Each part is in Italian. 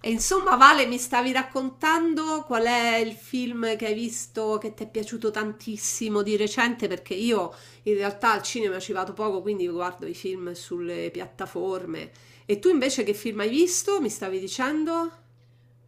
E insomma, Vale, mi stavi raccontando qual è il film che hai visto che ti è piaciuto tantissimo di recente? Perché io in realtà al cinema ci vado poco, quindi guardo i film sulle piattaforme. E tu invece che film hai visto? Mi stavi dicendo?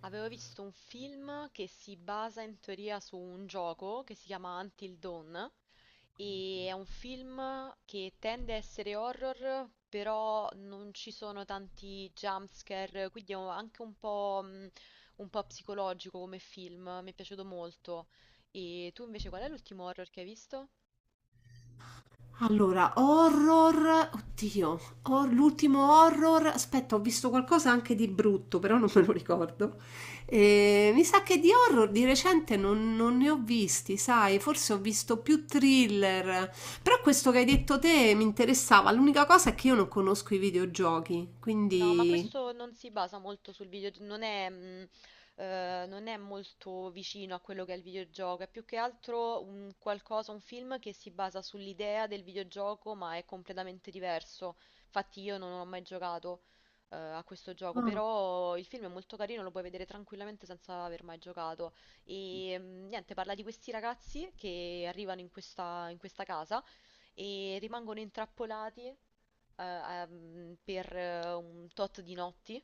Avevo visto un film che si basa in teoria su un gioco che si chiama Until Dawn e è un film che tende a essere horror, però non ci sono tanti jumpscare, quindi è anche un po' psicologico come film, mi è piaciuto molto. E tu invece qual è l'ultimo horror che hai visto? Allora, horror, oddio, l'ultimo horror, aspetta, ho visto qualcosa anche di brutto, però non me lo ricordo. Mi sa che di horror di recente non ne ho visti, sai, forse ho visto più thriller, però questo che hai detto te mi interessava. L'unica cosa è che io non conosco i videogiochi, No, ma quindi... questo non si basa molto sul videogioco, non è molto vicino a quello che è il videogioco, è più che altro un qualcosa, un film che si basa sull'idea del videogioco, ma è completamente diverso. Infatti io non ho mai giocato, a questo gioco, però il film è molto carino, lo puoi vedere tranquillamente senza aver mai giocato. E niente, parla di questi ragazzi che arrivano in questa casa e rimangono intrappolati per un tot di notti,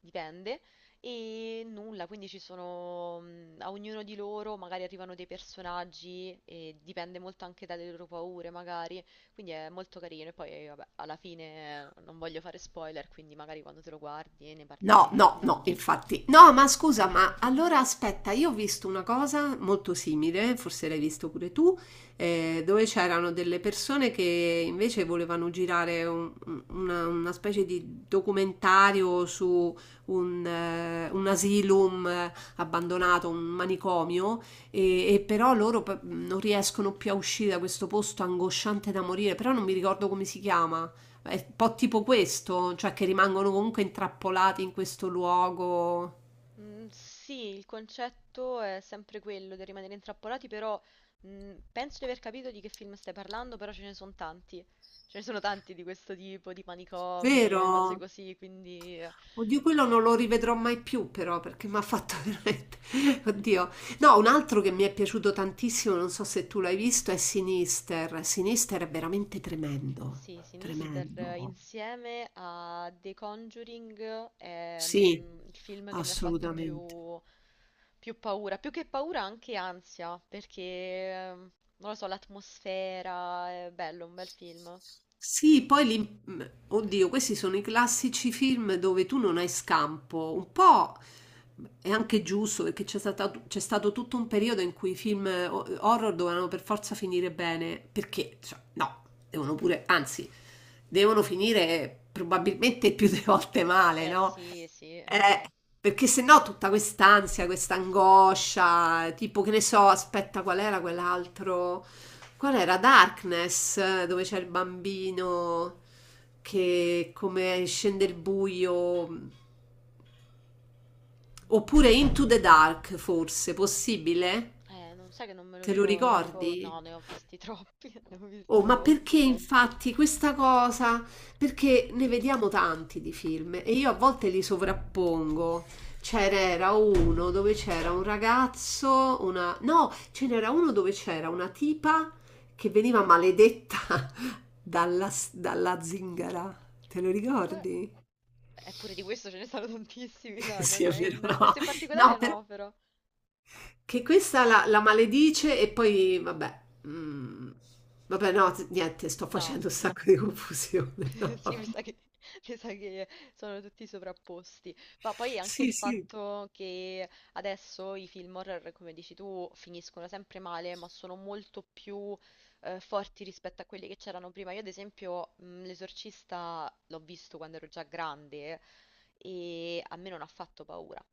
dipende, e nulla, quindi ci sono, a ognuno di loro magari arrivano dei personaggi e dipende molto anche dalle loro paure, magari, quindi è molto carino e poi vabbè, alla fine non voglio fare spoiler, quindi magari quando te lo guardi ne No, parliamo. no, no, infatti. No, ma Esatto. scusa, ma allora aspetta, io ho visto una cosa molto simile, forse l'hai visto pure tu, dove c'erano delle persone che invece volevano girare una specie di documentario su un asylum abbandonato, un manicomio, e però loro non riescono più a uscire da questo posto angosciante da morire, però non mi ricordo come si chiama. È un po' tipo questo, cioè che rimangono comunque intrappolati in questo luogo. Mm, sì, il concetto è sempre quello di rimanere intrappolati, però penso di aver capito di che film stai parlando, però ce ne sono tanti. Ce ne sono tanti di questo tipo, di manicomi, cose Vero? così, quindi Oddio, quello non lo rivedrò mai più, però, perché mi ha fatto veramente. Oddio. No, un altro che mi è piaciuto tantissimo, non so se tu l'hai visto, è Sinister. Sinister è veramente tremendo. sì, Sinister Tremendo. insieme a The Conjuring è Sì, il film che mi ha fatto assolutamente. più paura, più che paura anche ansia, perché non lo so, l'atmosfera è bello, un bel film. Sì, poi oddio, questi sono i classici film dove tu non hai scampo. Un po' è anche giusto perché c'è stato tutto un periodo in cui i film horror dovevano per forza finire bene, perché, cioè, no, devono pure, anzi, devono finire probabilmente più delle volte male, Eh no? sì, sì. Eh, perché se no tutta quest'ansia, questa angoscia, tipo che ne so, aspetta, qual era quell'altro? Qual era? Darkness, dove c'è il bambino che come scende il buio. Oppure Into the Dark, forse, possibile? Non sai che non me lo Te lo non mi ricordo. ricordo. No, Ricordi? ne ho visti troppi, ne ho Oh, visti ma perché troppi. infatti questa cosa? Perché ne vediamo tanti di film e io a volte li sovrappongo. C'era uno dove c'era un ragazzo, una... No, ce n'era uno dove c'era una tipa che veniva maledetta dalla zingara. Te lo Qua... ricordi? Eppure di questo ce ne sono tantissimi, no, no, Sì, è no, vero, no, no. questo in No, particolare però no, però. che questa la maledice e poi, vabbè, mm, vabbè, no, niente, sto No. facendo un sacco di confusione. No, Sì, mi vabbè. sa che, mi sa che sono tutti sovrapposti. Ma poi anche il Sì, sì, fatto che adesso i film horror, come dici tu, finiscono sempre male, ma sono molto più forti rispetto a quelli che c'erano prima. Io, ad esempio, L'Esorcista l'ho visto quando ero già grande e a me non ha fatto paura.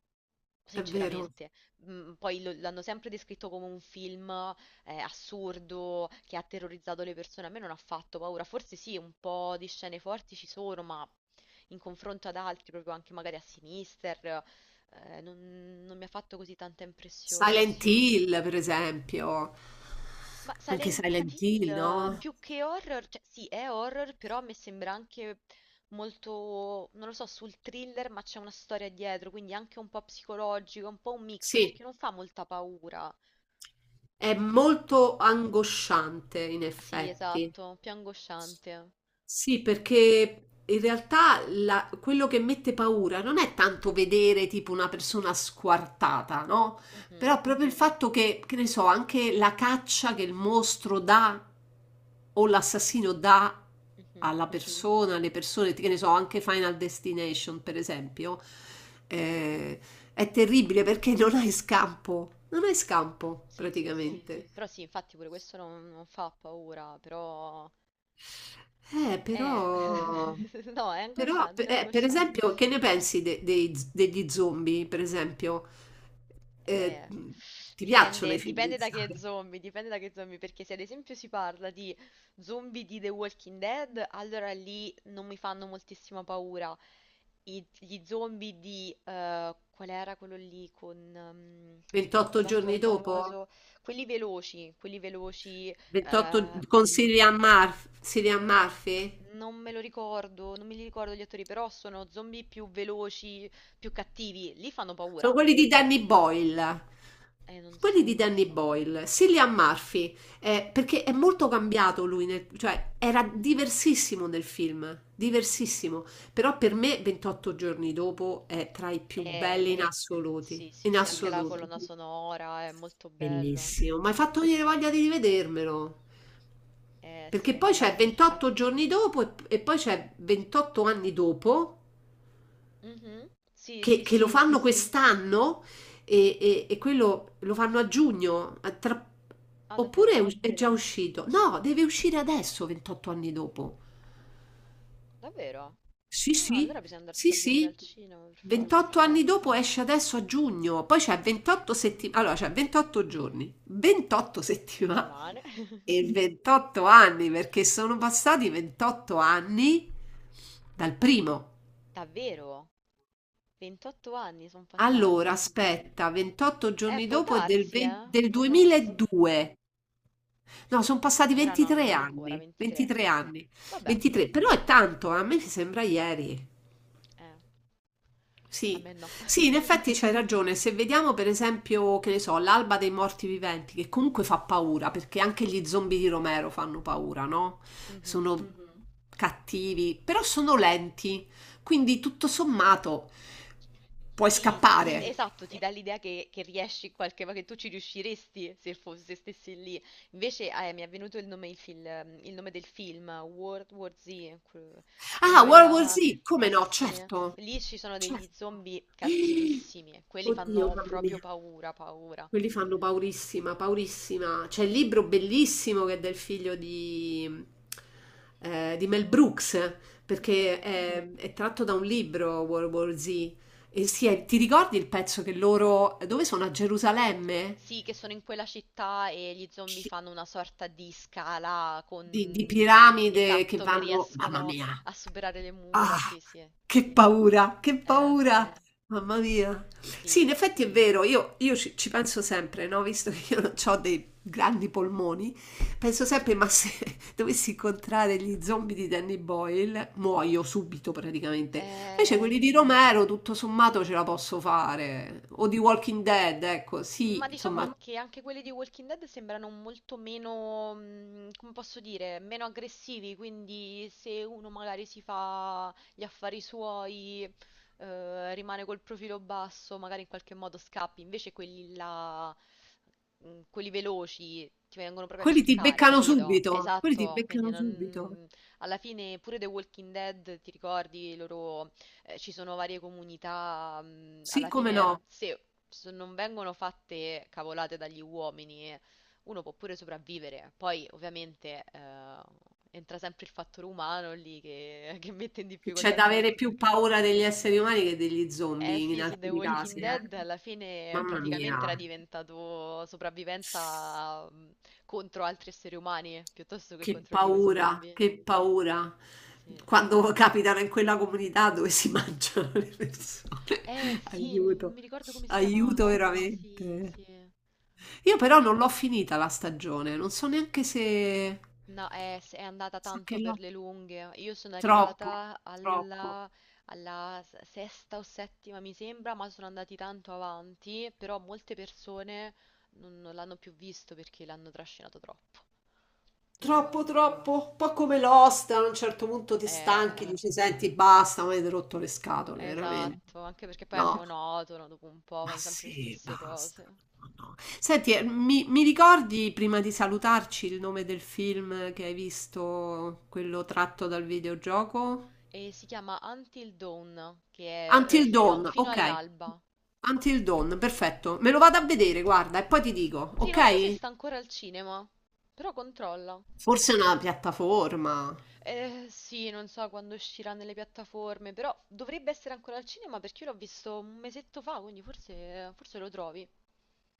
è vero. Sinceramente, Poi l'hanno sempre descritto come un film assurdo che ha terrorizzato le persone. A me non ha fatto paura. Forse sì, un po' di scene forti ci sono, ma in confronto ad altri, proprio anche magari a Sinister, non, non mi ha fatto così tanta impressione. Silent Hill, per esempio, Ma anche Silent Silent Hill, Hill, no? più che horror, cioè sì, è horror, però a me sembra anche molto, non lo so, sul thriller, ma c'è una storia dietro, quindi anche un po' psicologico, un po' un mix, Sì, perché non fa molta paura. è molto angosciante, in Sì, effetti. esatto, più angosciante. Sì, perché in realtà quello che mette paura non è tanto vedere tipo una persona squartata, no? Mhm, Però proprio il fatto che ne so, anche la caccia che il mostro dà o l'assassino dà mhm. alla persona, alle persone, che ne so, anche Final Destination, per esempio, eh, è terribile perché non hai scampo, non hai scampo. Sì, Sì, sì, sì. praticamente. Però sì, infatti pure questo non fa paura, però. Eh, Però, no, è però angosciante, è per esempio, angosciante. che ne pensi dei degli zombie? Per esempio, eh, Eh, ti piacciono i dipende, film di dipende da che Zara? zombie, dipende da che zombie, perché se ad esempio si parla di zombie di The Walking Dead, allora lì non mi fanno moltissima paura. Gli zombie di, qual era quello lì con, 28 quell'attore giorni dopo? famoso, quelli veloci, 28 eh, con Cillian Murphy? Cillian Murphy? non me lo ricordo, non me li ricordo gli attori, però sono zombie più veloci, più cattivi. Lì fanno paura. Sono quelli di Danny Boyle. Non Quelli so. di Danny Boyle, Cillian Murphy, perché è molto cambiato lui, cioè era diversissimo nel film, diversissimo, però per me 28 giorni dopo è tra i più Eh, belli in assoluti, sì, sì, in sì, anche la assoluto. colonna sonora è molto bello. Bellissimo, mi hai fatto venire voglia di rivedermelo. Sì, Perché poi c'è infatti. 28 giorni dopo e poi c'è 28 anni dopo Mhm. Sì, sì, che lo sì. fanno quest'anno e quello lo fanno a giugno, Ah, oppure è, davvero? È già uscito? No, deve uscire adesso, 28 anni dopo. Davvero? Sì, Ah, allora sì, bisogna sì, andarselo a vedere sì. al cinema, per forza. 28 anni dopo esce adesso a giugno, poi c'è 28 Ah, settimane, allora c'è 28 giorni, 28 settimane settimane. e 28 anni perché sono passati 28 anni dal primo. Davvero? 28 anni sono Allora, passati. aspetta, 28 giorni Può dopo è del, darsi, eh? del Può darsi. 2002. No, sono passati Allora no, non 23 ancora, anni, 23. 23 anni, Vabbè, 23, però è tanto, a me mi sembra ieri. eh, a Sì, me no. sì, in effetti c'hai ragione. Se vediamo per esempio, che ne so, l'alba dei morti viventi, che comunque fa paura, perché anche gli zombie di Romero fanno paura, no? Mhm. Sono mhm. Cattivi, però sono lenti, quindi tutto sommato puoi Sì, scappare. Sì. esatto, ti dà l'idea che riesci in qualche modo, che tu ci riusciresti se stessi lì. Invece mi è venuto il nome del film, World War Z, que- quello Ah, è World War là, Z, come sì no, sì, eh. certo. Lì ci sono Cioè, degli zombie cattivissimi, quelli oddio, fanno mamma proprio mia, paura, paura. quelli fanno paurissima, paurissima. C'è il libro bellissimo che è del figlio di Mel Brooks, perché è tratto da un libro, World War Z. E sì, ti ricordi il pezzo che loro, dove sono? A Gerusalemme? Sì, che sono in quella città e gli zombie fanno una sorta di scala Di con. piramide che Esatto, che vanno mamma riescono mia. a superare le Ah, mura, sì, sì. Che Sì. paura, mamma mia. Sì, in Sì. effetti è vero, io ci, ci penso sempre, no? Visto che io non ho dei grandi polmoni, penso sempre, ma se dovessi incontrare gli zombie di Danny Boyle, muoio subito praticamente. Eh... Invece quelli di Romero, tutto sommato, ce la posso fare. O di Walking Dead, ecco, Ma sì, insomma, diciamo che anche quelli di Walking Dead sembrano molto meno, come posso dire, meno aggressivi, quindi se uno magari si fa gli affari suoi, rimane col profilo basso, magari in qualche modo scappi, invece quelli là, quelli veloci, ti vengono proprio a quelli ti cercare, beccano capito? subito, quelli ti Esatto, quindi beccano subito. non- Alla fine pure The Walking Dead, ti ricordi i loro ci sono varie comunità, Sì, alla come fine no, se non vengono fatte cavolate dagli uomini, uno può pure sopravvivere. Poi ovviamente entra sempre il fattore umano lì che, che mette in che c'è difficoltà da avere tutti più perché. paura degli esseri umani che degli Eh zombie in sì, su The alcuni Walking casi, eh. Dead alla fine Mamma mia, praticamente era diventato sopravvivenza contro altri esseri umani piuttosto che che contro gli paura, zombie. che paura. Sì. Quando capitano in quella comunità dove si mangiano le persone. Eh sì, non Aiuto, mi ricordo come si aiuto chiamava. Sì, sì. veramente. Io però non l'ho finita la stagione, non so neanche se... No, è andata So che tanto per l'ho... le lunghe. Io sono Troppo, arrivata troppo. alla, alla sesta o settima, mi sembra, ma sono andati tanto avanti, però molte persone non l'hanno più visto perché l'hanno trascinato troppo. Troppo, Dovevano. troppo, un po' come Lost, a un certo punto ti stanchi, Eh, dici, senti, basta, mi avete rotto le scatole, veramente. esatto, anche perché poi è No, monotono, dopo un po' ma vanno sempre le sì, stesse basta. cose. No, no. Senti, mi ricordi prima di salutarci il nome del film che hai visto, quello tratto dal videogioco? E si chiama Until Dawn, che è Until fino, Dawn, fino ok. all'alba. Until Dawn, perfetto. Me lo vado a vedere, guarda, e poi ti dico, Sì, non so se ok? sta ancora al cinema, però controlla. Forse è una piattaforma. Sì, non so quando uscirà nelle piattaforme, però dovrebbe essere ancora al cinema perché io l'ho visto un mesetto fa, quindi forse lo trovi.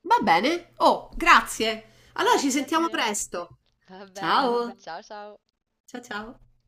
Va bene. Oh, grazie. Allora ci Grazie a sentiamo te. presto. Va Va bene. ciao. Bene. Ciao ciao. Ciao ciao.